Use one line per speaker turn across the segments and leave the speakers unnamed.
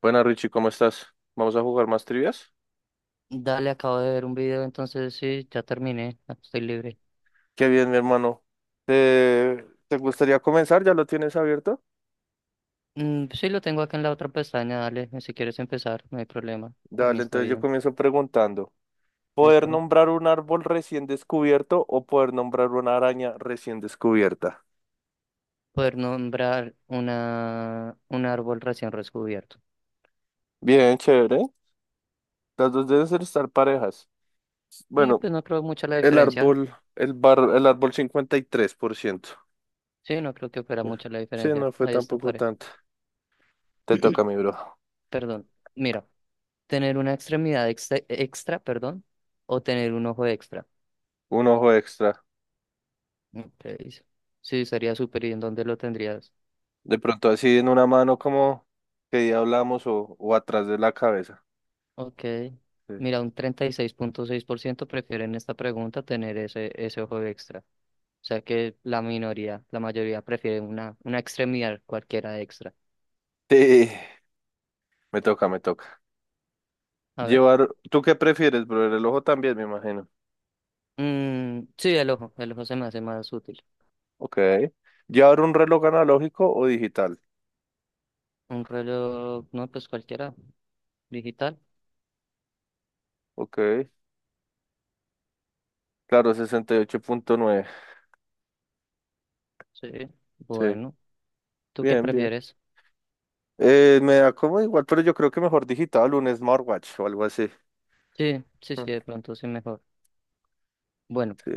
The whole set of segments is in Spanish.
Buenas, Richie, ¿cómo estás? ¿Vamos a jugar más trivias?
Dale, acabo de ver un video, entonces sí, ya terminé, ya estoy libre.
Qué bien, mi hermano. ¿Te gustaría comenzar? ¿Ya lo tienes abierto?
Mm, sí, lo tengo acá en la otra pestaña, dale, si quieres empezar, no hay problema, por mí
Dale,
está
entonces yo
bien.
comienzo preguntando. ¿Poder
Listo.
nombrar un árbol recién descubierto o poder nombrar una araña recién descubierta?
Poder nombrar un árbol recién descubierto.
Bien, chévere. Las dos deben estar parejas.
Sí,
Bueno,
pues no creo mucha la diferencia.
el árbol 53%.
Sí, no creo que fuera mucha la
Sí,
diferencia.
no fue
Ahí está,
tampoco
pare.
tanto. Te toca, mi bro.
Perdón. Mira, tener una extremidad extra, o tener un ojo extra.
Un ojo extra.
Ok, sí, sería súper. ¿Y en dónde lo tendrías?
De pronto así en una mano como que día hablamos o atrás de la cabeza.
Ok.
Sí.
Mira, un 36 punto seis por ciento prefieren en esta pregunta tener ese ojo extra. O sea que la minoría, la mayoría prefiere una extremidad cualquiera extra.
Sí, me toca, me toca.
A ver.
Llevar, ¿tú qué prefieres, bro? El reloj también, me imagino.
Mm, sí, el ojo. El ojo se me hace más útil.
Ok. ¿Llevar un reloj analógico o digital?
Un reloj, no, pues cualquiera. Digital.
Ok. Claro, 68,9.
Sí.
Sí,
Bueno. ¿Tú qué
bien, bien.
prefieres?
Me da como igual, pero yo creo que mejor digital, un smartwatch o algo así.
Sí, sí,
Mm,
sí, de pronto sí mejor. Bueno,
Sí.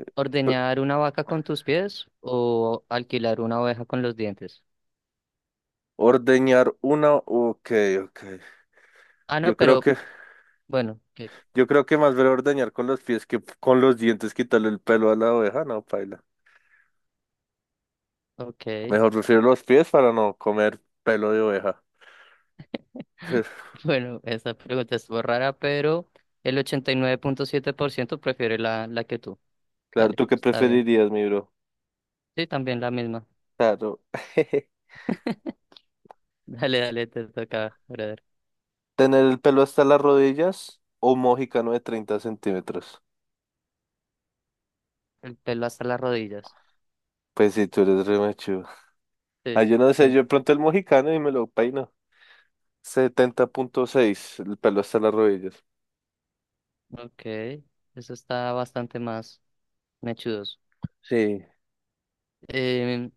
P-
¿ordeñar una vaca con tus pies o alquilar una oveja con los dientes?
Ordeñar una, ok, ok.
Ah,
Yo
no,
creo
pero
que
bueno,
Yo creo que más vale ordeñar con los pies que con los dientes quitarle el pelo a la oveja, no, paila.
ok.
Mejor prefiero los pies para no comer pelo de oveja.
Bueno, esta pregunta es rara, pero el 89.7% prefiere la que tú.
Claro,
Dale,
¿tú qué
está bien.
preferirías, mi bro?
Sí, también la misma.
Claro.
Dale, dale, te toca, brother.
¿Tener el pelo hasta las rodillas o un mojicano de 30 centímetros?
El pelo hasta las rodillas.
Pues si tú eres re machudo. Ah,
Sí,
yo no sé, yo
sí.
de pronto el mojicano y me lo peino. 70,6, el pelo hasta las rodillas.
Ok, eso está bastante más mechudos.
Sí.
Eh,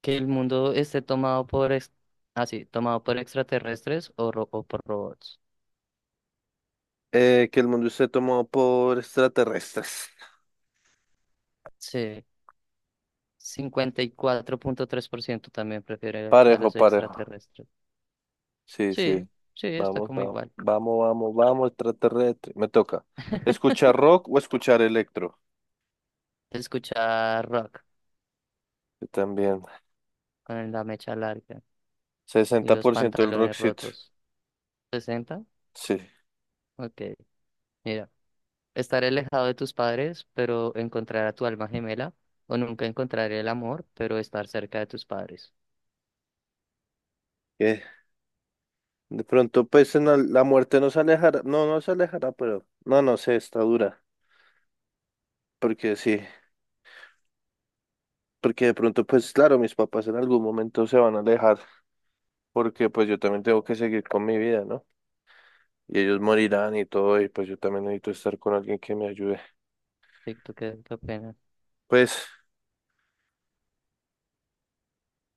que el mundo esté tomado por, ah, sí, tomado por extraterrestres o, o por robots.
Que el mundo esté tomado por extraterrestres.
Sí, 54.3% también prefiere a
Parejo,
los
parejo.
extraterrestres.
Sí, sí.
Sí, sí, está
Vamos,
como
vamos.
igual.
Vamos, vamos, vamos, extraterrestre. Me toca. ¿Escuchar rock o escuchar electro?
Se escucha rock
Yo también.
con la mecha larga y
sesenta
los
por ciento del
pantalones
rockcito.
rotos. 60.
Sí.
Ok, mira. Estaré alejado de tus padres, pero encontrar a tu alma gemela. O nunca encontraré el amor, pero estar cerca de tus padres.
Eh, De pronto, pues en la muerte nos alejará. No, no se alejará, pero no, no sé, está dura. Porque sí. Porque de pronto, pues claro, mis papás en algún momento se van a alejar. Porque pues yo también tengo que seguir con mi vida, ¿no? Y ellos morirán y todo, y pues yo también necesito estar con alguien que me ayude.
Sí, ¿tú qué opinas?
Pues.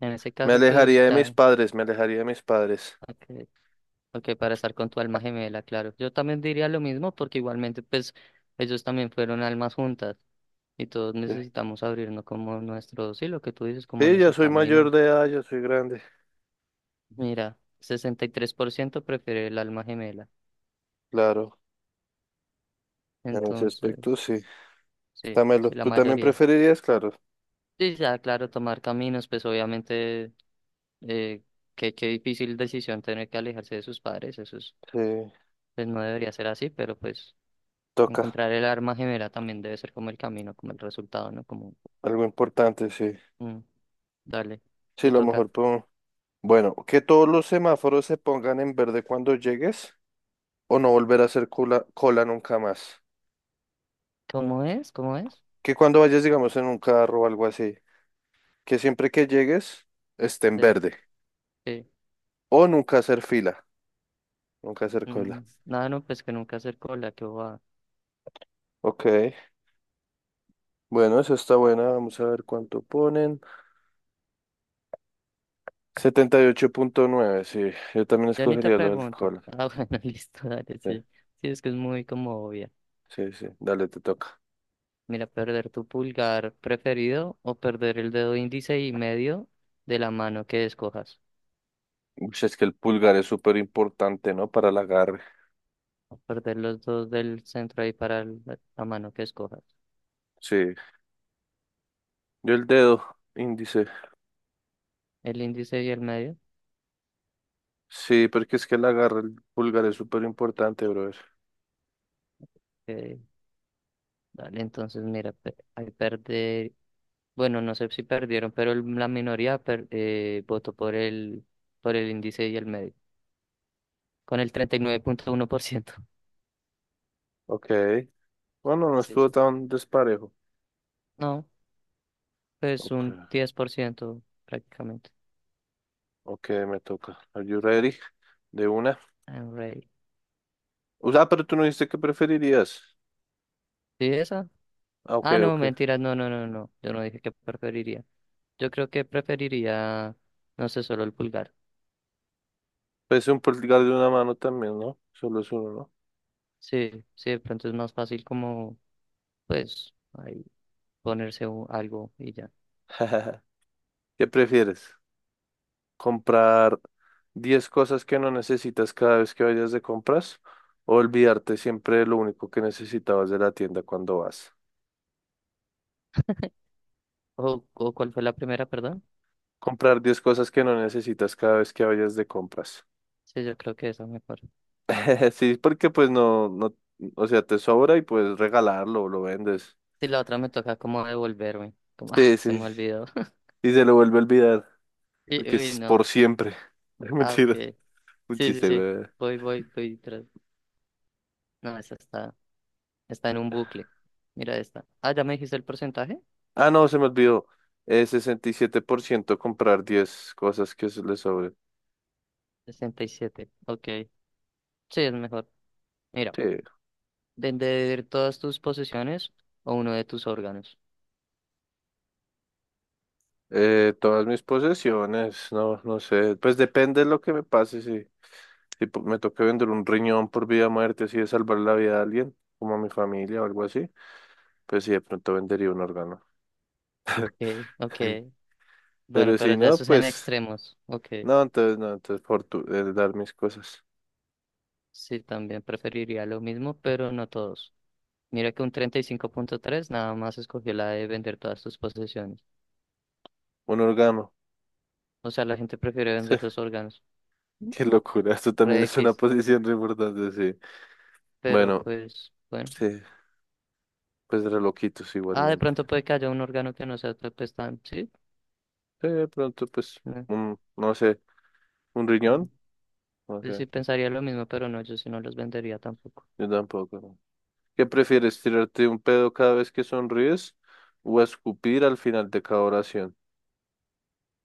En ese
Me
caso, pues
alejaría de mis
ya.
padres, me alejaría de mis padres.
Ok, ok, para estar con tu alma gemela, claro. Yo también diría lo mismo, porque igualmente, pues, ellos también fueron almas juntas. Y todos
Sí,
necesitamos abrirnos como nuestro, sí, lo que tú dices, como
sí, ya
nuestro
soy mayor
camino.
de edad, ya soy grande.
Mira, 63% prefiere el alma gemela.
Claro, en ese aspecto
Entonces,
sí.
sí,
Dámelo.
sí, la
¿Tú también
mayoría.
preferirías? Claro.
Sí, ya, claro, tomar caminos, pues obviamente, eh, qué difícil decisión tener que alejarse de sus padres, eso es,
Sí,
pues no debería ser así, pero pues
toca.
encontrar el alma gemela también debe ser como el camino, como el resultado, ¿no? Como,
Algo importante, sí.
mm, dale,
Sí,
te
lo
toca.
mejor pongo. Bueno, que todos los semáforos se pongan en verde cuando llegues o no volver a hacer cola, cola nunca más.
¿Cómo es? ¿Cómo es?
Que cuando vayas, digamos, en un carro o algo así, que siempre que llegues esté en
Sí,
verde.
sí.
O nunca hacer fila, nunca hacer cola.
Nada, no, pues que nunca hacer cola, que va.
Ok. Bueno, esa está buena. Vamos a ver cuánto ponen. 78,9. Sí. Yo también
Ya ni te
escogería lo del
pregunto.
alcohol.
Ah, bueno, listo, dale,
Sí,
sí. Sí, es que es muy como obvia.
sí, sí. Dale, te toca.
Mira, perder tu pulgar preferido o perder el dedo índice y medio de la mano que escojas.
Uy, es que el pulgar es súper importante, ¿no? Para el agarre.
O perder los dos del centro ahí para la mano que escojas.
Sí. Yo el dedo índice.
El índice y el medio.
Sí, porque es que el agarre, el pulgar es súper importante, brother.
eh, dale, entonces mira, ahí perder. Bueno, no sé si perdieron, pero la minoría votó por el índice y el medio, con el 39.1%.
Ok. Bueno, no
Sí,
estuvo
sí, sí.
tan desparejo.
No, pues
Ok,
un 10% prácticamente.
ok, me toca. Are you ready? De una.
I'm ready.
O sea, pero tú no dijiste que preferirías.
¿Sí esa?
Ah, ok,
Ah, no,
ok.
mentiras, no, no, no, no. Yo no dije que preferiría. Yo creo que preferiría, no sé, solo el pulgar.
Pues un pulgar de una mano también, ¿no? Solo es uno, ¿no?
Sí, sí, de pronto es más fácil como, pues, ahí ponerse algo y ya.
¿Qué prefieres? ¿Comprar 10 cosas que no necesitas cada vez que vayas de compras o olvidarte siempre de lo único que necesitabas de la tienda cuando vas?
¿O cuál fue la primera, perdón?
Comprar diez cosas que no necesitas cada vez que vayas de compras.
Sí, yo creo que esa mejor.
Sí, porque pues no, no, o sea, te sobra y puedes regalarlo o lo vendes.
Sí, la otra me toca como devolverme. Como, ah,
Sí,
se
sí,
me olvidó.
y se lo vuelve a olvidar porque
Uy,
es por
no.
siempre.
Ah,
Mentira,
ok.
un
Sí, sí,
chiste,
sí.
güey.
Voy, voy, voy. No, esa está. Está en un bucle. Mira esta. Ah, ya me dijiste el porcentaje.
Ah, no, se me olvidó. 67% comprar 10 cosas que se le sobren.
67. Ok. Sí, es mejor. Mira,
Sí.
vender todas tus posesiones o uno de tus órganos.
Todas mis posesiones, no, no sé. Pues depende de lo que me pase. Si, si po- Me toca vender un riñón por vida o muerte, así de salvar la vida de alguien, como a mi familia o algo así, pues sí, de pronto vendería un órgano.
Ok, ok.
Sí.
Bueno,
Pero
pero
si
ya
no,
eso es en
pues,
extremos. Ok.
no, entonces no, dar mis cosas.
Sí, también preferiría lo mismo, pero no todos. Mira que un 35.3 nada más escogió la de vender todas tus posesiones.
Un órgano.
O sea, la gente prefiere vender los órganos.
Qué locura, esto también
Re
es una
X.
posición re importante, sí.
Pero
Bueno.
pues, bueno.
Sí, pues reloquitos
Ah, de
igualmente.
pronto puede que haya un órgano que no sea pues, tan, sí.
Sí, de pronto, pues, un, no sé, un
Mm.
riñón, no
Yo
sé,
sí pensaría lo mismo, pero no, yo sí no los vendería tampoco.
yo tampoco, ¿no? ¿Qué prefieres, tirarte un pedo cada vez que sonríes o escupir al final de cada oración?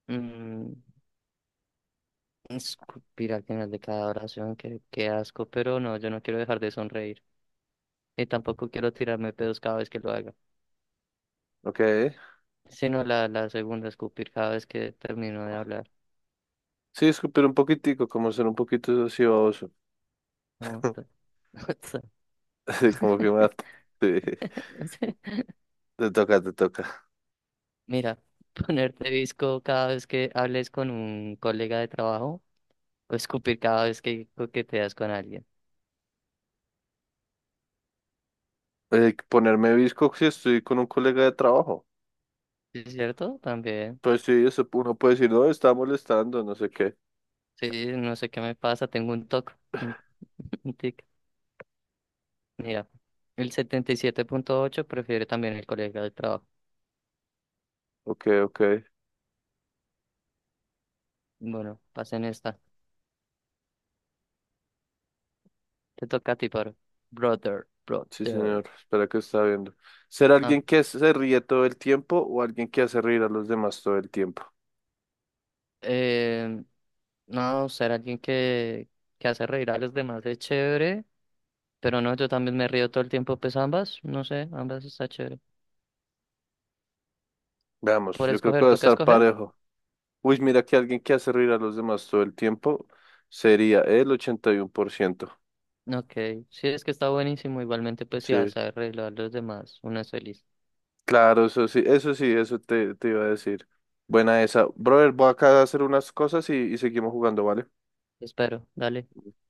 Mm, Escupir al final de cada oración, qué asco, pero no, yo no quiero dejar de sonreír. Y tampoco quiero tirarme pedos cada vez que lo haga.
Ok,
Sino la segunda, escupir cada vez que termino de hablar.
sí, escupir un poquitico, como ser un poquito así baboso,
Como-
así como que mata. Sí, te toca, te toca.
Mira, ponerte disco cada vez que hables con un colega de trabajo o escupir cada vez que coqueteas con alguien.
Ponerme visco si estoy con un colega de trabajo.
¿Sí? ¿Es cierto? También.
Pues sí, eso uno puede decir, no, está molestando, no sé qué.
Sí, no sé qué me pasa, tengo un TOC. Un un tic. Mira, el 77.8 prefiere también el colega de trabajo.
Ok, ok.
Bueno, pasen esta. Te toca a ti, paro. Brother,
Sí,
brother.
señor. Espera que está viendo. ¿Ser
Ah,
alguien que se ríe todo el tiempo o alguien que hace reír a los demás todo el tiempo?
eh, no, ser alguien que hace reír a los demás es chévere, pero no, yo también me río todo el tiempo, pues ambas, no sé, ambas está chévere.
Veamos,
Por
yo creo que
escoger,
va a
toca
estar
escoger.
parejo. Uy, mira que alguien que hace reír a los demás todo el tiempo sería el 81%.
Ok, sí, es que está buenísimo, igualmente, pues si
Sí,
hace reír a los demás, una es feliz.
claro, eso sí, eso sí, eso te iba a decir. Buena esa. Brother, voy acá a hacer unas cosas y seguimos jugando, ¿vale?
Espero, dale.